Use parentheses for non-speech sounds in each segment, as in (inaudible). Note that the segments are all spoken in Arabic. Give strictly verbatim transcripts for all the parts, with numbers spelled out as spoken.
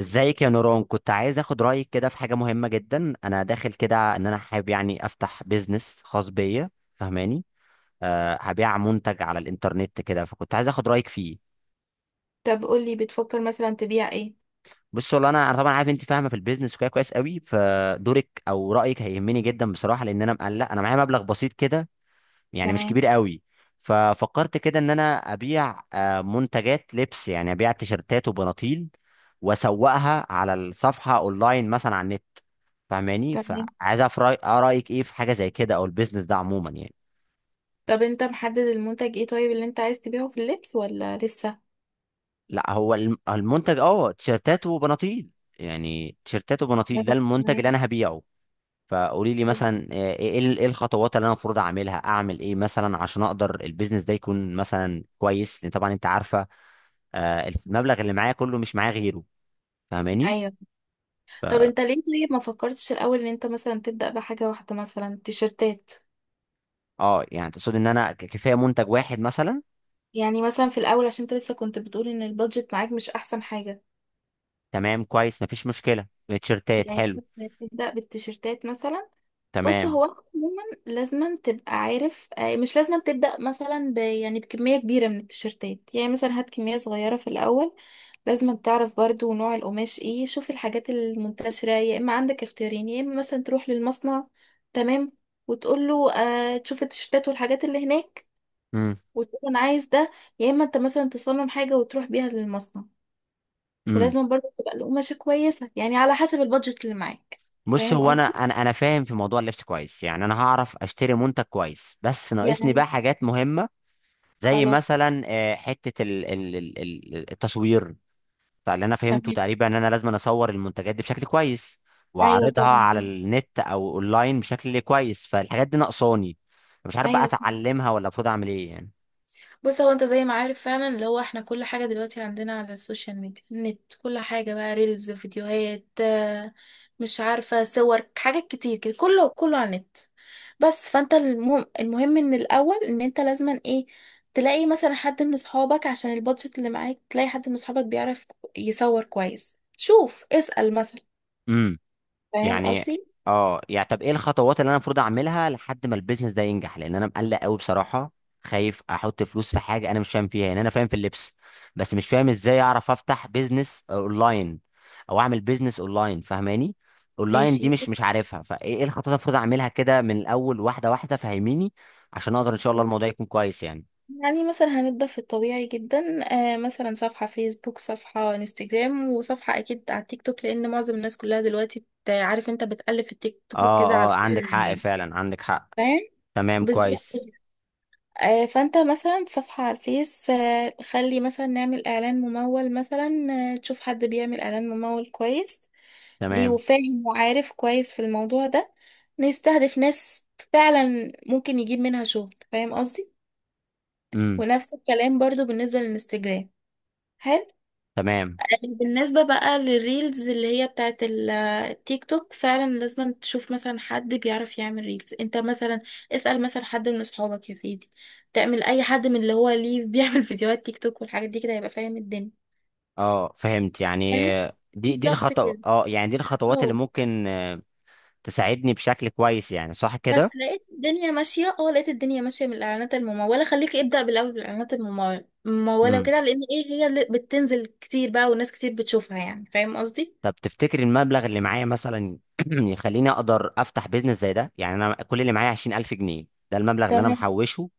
ازيك يا نوران؟ كنت عايز اخد رايك كده في حاجه مهمه جدا. انا داخل كده ان انا حابب يعني افتح بيزنس خاص بيا. فاهماني؟ أه، هبيع منتج على الانترنت كده، فكنت عايز اخد رايك فيه. طب قولي بتفكر مثلا تبيع ايه؟ بص والله انا انا طبعا عارف انت فاهمه في البيزنس وكده كويس قوي، فدورك او رايك هيهمني جدا بصراحه، لان انا مقلق، انا معايا مبلغ بسيط كده. يعني مش تمام، كبير قوي. ففكرت كده ان انا ابيع آه، منتجات لبس، يعني ابيع تيشرتات وبناطيل واسوقها على الصفحه اونلاين مثلا على النت. فاهماني؟ تمام. فعايز اعرف رأي- آه، رايك ايه في حاجه زي كده او البيزنس ده عموما يعني. طب انت محدد المنتج ايه؟ طيب اللي انت عايز تبيعه في اللبس ولا لسه؟ لا، هو الم- المنتج اه، تيشرتات وبناطيل، يعني تيشرتات وبناطيل ده تمام. المنتج اللي تمام. انا هبيعه. فقولي لي مثلا، آه، ايه ال- إيه الخطوات اللي انا المفروض اعملها؟ اعمل ايه مثلا عشان اقدر البيزنس ده يكون مثلا كويس؟ لأن طبعا انت عارفه، آه، المبلغ اللي معايا كله، مش معايا غيره. فاهماني؟ ايوه. ف طب انت ليه؟ طيب ما فكرتش الاول ان انت مثلا تبدأ بحاجة واحدة مثلا تيشرتات؟ اه، يعني تقصد ان انا ك- كفايه منتج واحد مثلا؟ يعني مثلا في الاول، عشان انت لسه كنت بتقول ان البادجت معاك مش احسن حاجة. تمام، كويس، مفيش مشكله. تيشرتات يعني حلو. مثلا تبدأ بالتيشرتات مثلا. بص، تمام. هو أنت عموما لازما تبقى عارف، آه، مش لازما تبدأ مثلا ب يعني بكمية كبيرة من التيشيرتات. يعني مثلا هات كمية صغيرة في الأول. لازما تعرف برضو نوع القماش ايه. شوف الحاجات المنتشرة. يا إما عندك اختيارين: يا إما مثلا تروح للمصنع، تمام، وتقول له، آه تشوف التيشيرتات والحاجات اللي هناك، امم وتقول له أنا عايز ده. يا إما أنت مثلا تصمم حاجة وتروح بيها للمصنع. امم ولازما برضو تبقى القماشة كويسة، يعني على حسب البادجت اللي معاك. بص، فاهم هو انا قصدي؟ انا انا فاهم في موضوع اللبس كويس، يعني انا هعرف اشتري منتج كويس، بس ناقصني بقى يعني حاجات مهمه، زي خلاص. مثلا آه، حته ال- ال- ال- ال- التصوير. فاللي انا فهمته تمام. تقريبا ان انا لازم أنا اصور المنتجات دي بشكل كويس ايوه واعرضها طبعا. على النت او اونلاين بشكل كويس، فالحاجات دي ناقصاني. مش عارف بقى ايوه فعلا. اتعلمها ولا المفروض اعمل ايه. بص، هو انت زي ما عارف فعلا اللي هو احنا كل حاجة دلوقتي عندنا على السوشيال ميديا، النت، كل حاجة بقى ريلز، فيديوهات آه، مش عارفة، صور، حاجات كتير كده، كله كله على النت. بس فانت المهم, المهم ان الاول ان انت لازما ايه: تلاقي مثلا حد من اصحابك، عشان البادجت اللي معاك، تلاقي حد من اصحابك بيعرف يصور كويس. شوف، اسأل مثلا. يعني فاهم يعني قصدي؟ اه، يعني طب ايه الخطوات اللي انا المفروض اعملها لحد ما البيزنس ده ينجح؟ لان انا مقلق قوي بصراحه، خايف احط فلوس في حاجه انا مش فاهم فيها. يعني انا فاهم في اللبس، بس مش فاهم ازاي اعرف افتح بيزنس اونلاين او اعمل بيزنس اونلاين. فاهماني؟ اونلاين دي ماشي. مش مش عارفها، فايه إيه الخطوات اللي المفروض اعملها كده من الاول واحده واحده؟ فهميني عشان اقدر ان شاء الله الموضوع يكون كويس يعني. يعني مثلا هنبدأ في الطبيعي جدا. آه مثلا صفحة فيسبوك، صفحة انستجرام، وصفحة أكيد على التيك توك، لأن معظم الناس كلها دلوقتي بت- عارف أنت بتقلب في التيك توك كده اه على. اه، عندك حق، فعلا عندك حق. فاهم؟ تمام، بالظبط كويس. كده. آه فأنت مثلا صفحة على الفيس، آه خلي مثلا نعمل إعلان ممول مثلا. آه تشوف حد بيعمل إعلان ممول كويس، ليه، تمام. وفاهم وعارف كويس في الموضوع ده. نستهدف ناس فعلا ممكن يجيب منها شغل. فاهم قصدي؟ امم ونفس الكلام برضو بالنسبة للانستجرام. حلو. تمام. يعني بالنسبة بقى للريلز اللي هي بتاعت ال- التيك توك، فعلا لازم تشوف مثلا حد بيعرف يعمل ريلز. انت مثلا اسأل مثلا حد من اصحابك يا سيدي. تعمل اي حد من اللي هو ليه بيعمل (laughs) فيديوهات تيك توك والحاجات دي كده، هيبقى فاهم الدنيا. اه، فهمت يعني. فاهم؟ آه، دي دي بالظبط الخطوة. كده. اه، يعني دي الخطوات اللي اه. ممكن آه، تساعدني بشكل كويس، يعني صح بس كده؟ لقيت الدنيا ماشية، اه لقيت الدنيا ماشية من الإعلانات الممولة. خليك ابدأ بالأول بالإعلانات الممولة الممولة امم وكده، لأن ايه هي اللي بتنزل كتير بقى والناس كتير بتشوفها يعني. فاهم قصدي؟ طب تفتكر المبلغ اللي معايا مثلا (clears throat) يخليني اقدر افتح بيزنس زي ده؟ يعني انا كل اللي معايا عشرين ألف جنيه، ده المبلغ اللي انا تمام، محوشه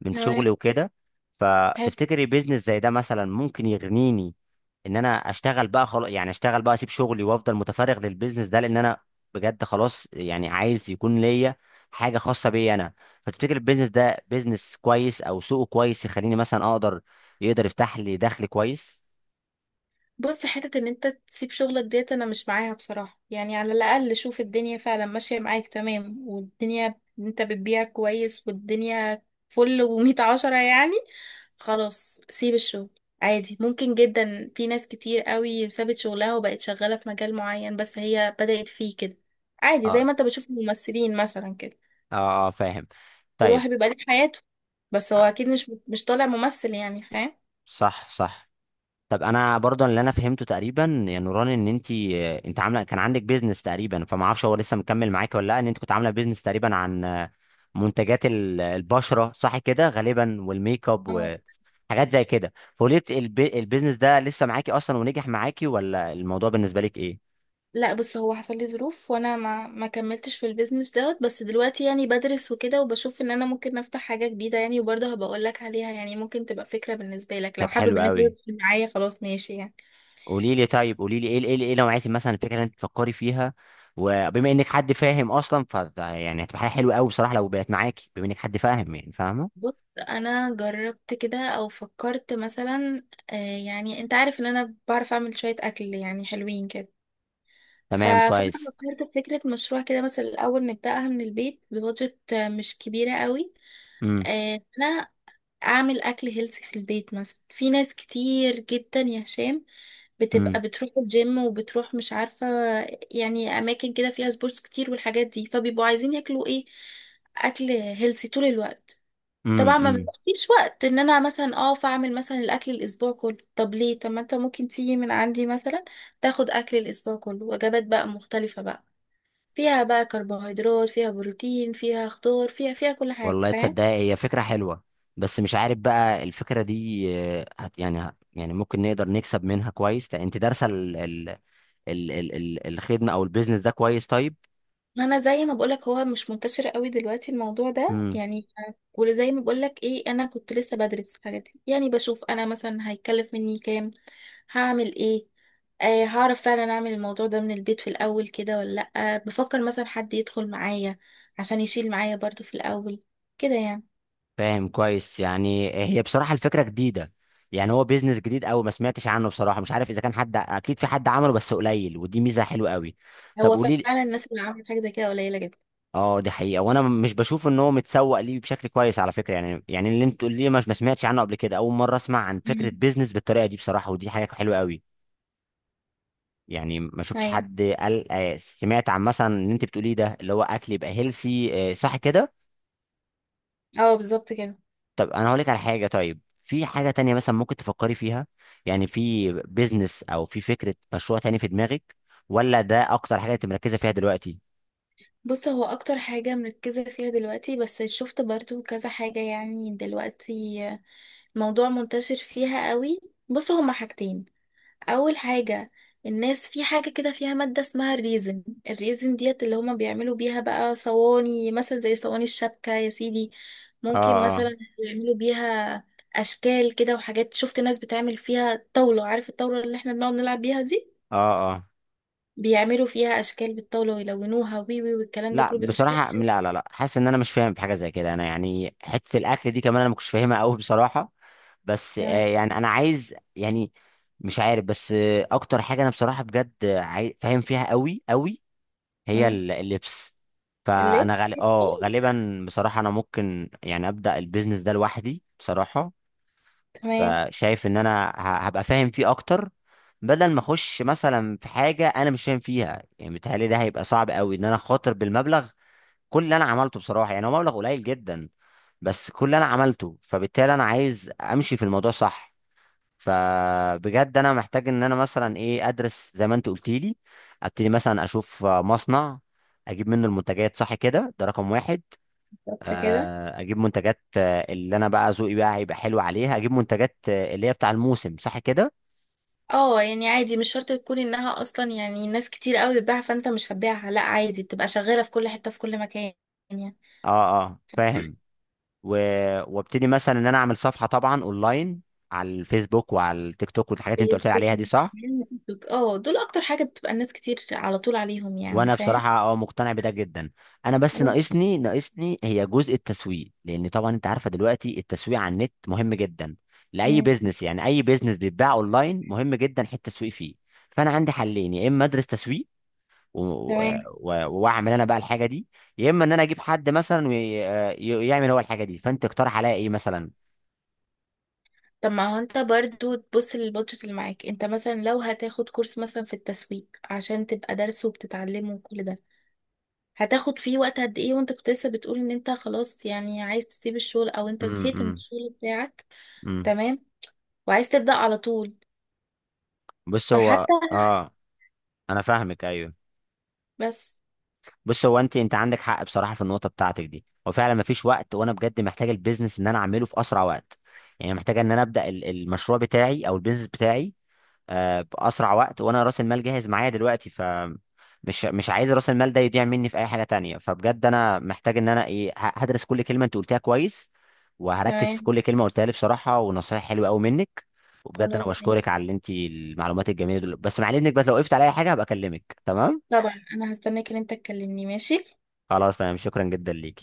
من تمام. شغلي وكده. حلو. فتفتكري بيزنس زي ده مثلا ممكن يغنيني ان انا اشتغل بقى خلاص، يعني اشتغل بقى، اسيب شغلي وافضل متفرغ للبيزنس ده؟ لان انا بجد خلاص، يعني عايز يكون ليا حاجه خاصه بيا انا. فتفتكر البيزنس ده بيزنس كويس او سوقه كويس، يخليني مثلا اقدر، يقدر يفتح لي دخل كويس؟ بص، حتة ان انت تسيب شغلك ديت انا مش معاها بصراحة. يعني على الاقل شوف الدنيا فعلا ماشية معاك تمام، والدنيا انت بتبيع كويس، والدنيا فل ومية عشرة يعني، خلاص سيب الشغل عادي. ممكن جدا، في ناس كتير قوي سابت شغلها وبقت شغالة في مجال معين بس هي بدأت فيه كده عادي. زي اه، ما انت بتشوف الممثلين مثلا كده اه، آه، فاهم. طيب. والواحد بيبقى ليه حياته، بس آه، هو اكيد مش مش طالع ممثل. يعني فاهم؟ صح، صح. طب انا برضه اللي انا فهمته تقريبا يا نوران، ان انت انت عامله كان عندك بيزنس تقريبا، فما اعرفش هو لسه مكمل معاك ولا لا. ان انت كنت عامله بيزنس تقريبا عن منتجات ال- البشره صح كده غالبا، والميك اب وحاجات زي كده، فقلت البي... البيزنس ده لسه معاكي اصلا ونجح معاكي، ولا الموضوع بالنسبه لك ايه؟ لا بص، هو حصل لي ظروف وانا ما ما كملتش في البيزنس دوت. بس دلوقتي يعني بدرس وكده، وبشوف ان انا ممكن افتح حاجة جديدة يعني، وبرضه هبقول لك عليها يعني، ممكن تبقى فكرة بالنسبة لك لو طب حابب حلو ان انت قوي. تدخل معايا، خلاص ماشي يعني. قولي لي طيب، قولي لي ايه ايه ايه نوعيه مثلا الفكره اللي انت بتفكري فيها؟ وبما انك حد فاهم اصلا، ف يعني هتبقى حاجه حلوه قوي بصراحه لو بقت معاكي، بما انك حد فاهم يعني، فاهمه. بص، انا جربت كده او فكرت مثلا. آه يعني انت عارف ان انا بعرف اعمل شوية اكل يعني حلوين كده. ف- تمام فانا كويس. فكرت في فكرة مشروع كده، مثلا الاول نبدأها من البيت ببادجت آه، مش كبيرة قوي. امم آه، انا اعمل اكل هيلثي في البيت. مثلا في ناس كتير جدا يا هشام امم بتبقى بتروح الجيم، وبتروح مش عارفة يعني اماكن كده فيها سبورتس كتير والحاجات دي، فبيبقوا عايزين ياكلوا ايه؟ اكل هيلثي طول الوقت. امم طبعا ما امم بيبقاش وقت ان انا مثلا اقف اعمل مثلا الاكل الاسبوع كله. طب ليه؟ طب ما انت ممكن تيجي من عندي مثلا تاخد اكل الاسبوع كله. وجبات بقى مختلفة بقى فيها بقى كربوهيدرات، فيها بروتين، فيها خضار، فيها فيها كل حاجة. والله فاهم؟ تصدق، هي فكرة حلوة. بس مش عارف بقى الفكرة دي آه، هت يعني هت يعني ممكن نقدر نكسب منها كويس لأ؟ انت دارسة ال ال ال ال ال الخدمة او البيزنس ده كويس طيب؟ ما انا زي ما بقولك، هو مش منتشر قوي دلوقتي الموضوع ده امم يعني. وزي ما بقولك ايه، انا كنت لسه بدرس الحاجات دي، يعني بشوف انا مثلا هيكلف مني كام، هعمل ايه، آه هعرف فعلا اعمل الموضوع ده من البيت في الاول كده ولا لا. بفكر مثلا حد يدخل معايا عشان يشيل معايا برضو في الاول كده يعني. فاهم كويس. يعني هي بصراحة الفكرة جديدة، يعني هو بيزنس جديد قوي، ما سمعتش عنه بصراحة. مش عارف اذا كان حد، اكيد في حد عمله بس قليل، ودي ميزة حلوة قوي. طب هو قولي. فعلا الناس اللي عملت حاجه زي كده قليله جدا. اه، دي حقيقة. وانا م- مش بشوف ان هو متسوق ليه بشكل كويس على فكرة. يعني يعني اللي انت تقول لي مش ما سمعتش عنه قبل كده، اول مرة اسمع عن فكرة مم. بيزنس بالطريقة دي بصراحة، ودي حاجة حلوة قوي. يعني ما شفتش ايوه. حد قال آه، سمعت عن مثلا اللي انت بتقوليه ده، اللي هو اكل يبقى هيلسي صح كده. اه بالظبط كده. طب انا هقول لك على حاجة، طيب في حاجة تانية مثلا ممكن تفكري فيها؟ يعني في بيزنس او في فكرة مشروع تاني في دماغك؟ ولا ده اكتر حاجة انت مركزة فيها دلوقتي؟ بص، هو اكتر حاجه مركزه فيها دلوقتي، بس شفت برضو كذا حاجه يعني دلوقتي موضوع منتشر فيها قوي. بص هما حاجتين. اول حاجة: الناس في حاجة كده فيها مادة اسمها الريزن. الريزن ديت اللي هما بيعملوا بيها بقى صواني، مثلا زي صواني الشبكة يا سيدي، ممكن اه، اه، مثلا يعملوا بيها اشكال كده وحاجات. شفت ناس بتعمل فيها طاولة. عارف الطاولة اللي احنا بنقعد نلعب بيها دي؟ اه، اه. بيعملوا فيها اشكال بالطاولة ويلونوها وي وي والكلام ده لا كله بيبقى شكلها. بصراحة، لا، لا، لا، حاسس ان انا مش فاهم في حاجة زي كده انا، يعني حتة الاكل دي كمان انا ما كنتش فاهمها قوي بصراحة. بس تمام. آه، يعني انا عايز يعني، مش عارف. بس آه، اكتر حاجة انا بصراحة بجد آه، عاي- فاهم فيها قوي قوي، هي مم. ال- اللبس. فانا اللبس غالي اه خلاص. غالبا بصراحة انا ممكن يعني ابدأ البيزنس ده لوحدي بصراحة. تمام. فشايف ان انا ه- هبقى فاهم فيه اكتر، بدل ما اخش مثلا في حاجة انا مش فاهم فيها. يعني بيتهيألي ده هيبقى صعب قوي ان انا خاطر بالمبلغ. كل اللي انا عملته بصراحه يعني، هو مبلغ قليل جدا بس كل اللي انا عملته، فبالتالي انا عايز امشي في الموضوع صح. فبجد انا محتاج ان انا مثلا ايه، ادرس زي ما انت قلت لي، ابتدي مثلا اشوف آه، مصنع، اجيب منه المنتجات صح كده، ده رقم واحد. بالظبط كده. آه، اجيب منتجات آه، اللي انا بقى ذوقي بقى هيبقى حلو عليها، اجيب منتجات آه، اللي هي بتاع الموسم صح كده. اه يعني عادي، مش شرط تكون انها اصلا يعني ناس كتير قوي بتبيعها فانت مش هتبيعها، لا عادي بتبقى شغالة في كل حتة في كل مكان يعني. اه اه، فاهم. و... وابتدي مثلا ان انا اعمل صفحه طبعا اونلاين على الفيسبوك وعلى التيك توك والحاجات اللي انت قلت لي عليها دي صح. بالظبط. اه، دول اكتر حاجة بتبقى الناس كتير على طول عليهم يعني. وانا فاهم؟ بصراحه اه، مقتنع بده جدا. انا بس أيوة. ناقصني ناقصني هي جزء التسويق، لان طبعا انت عارفه دلوقتي التسويق على النت مهم جدا لاي مم. بيزنس، يعني اي بيزنس بيتباع اونلاين مهم جدا حته التسويق فيه. فانا عندي حلين، يا اما ادرس تسويق و- تمام. و- واعمل انا بقى الحاجه دي، يا اما ان انا اجيب حد مثلا ويعمل هو الحاجه دي. فانت اقترح عليا ايه مثلا؟ طب ما هو انت برضو تبص للبادجت اللي معاك. انت مثلا لو هتاخد كورس مثلا في التسويق عشان تبقى دارسه وبتتعلمه وكل ده، هتاخد فيه وقت قد ايه؟ وانت كنت لسه بتقول ان انت خلاص يعني عايز تسيب الشغل، او انت زهقت من امم الشغل بتاعك. امم تمام. وعايز تبدأ على طول. بص، هو فحتى اه، انا فاهمك. ايوه، بس. بص، هو انت انت عندك حق بصراحه في النقطه بتاعتك دي. هو فعلا مفيش وقت، وانا بجد محتاج البيزنس ان انا اعمله في اسرع وقت. يعني محتاج ان انا ابدا ال- المشروع بتاعي او البيزنس بتاعي آه، باسرع وقت، وانا راس المال جاهز معايا دلوقتي. ف مش مش عايز راس المال ده يضيع مني في اي حاجه تانية. فبجد انا محتاج ان انا ايه، ه- هدرس كل كلمه انت قلتها كويس، وهركز في تمام. كل كلمه قلتها لي بصراحه. ونصايح حلوه قوي منك، وبجد انا خلاص بشكرك ماشي. على اللي انت المعلومات الجميله دول. بس مع اذنك، بس لو وقفت على اي حاجه هبقى اكلمك، تمام؟ طبعا انا هستناك ان انت تكلمني. ماشي. خلاص، تمام، شكرا جدا ليك.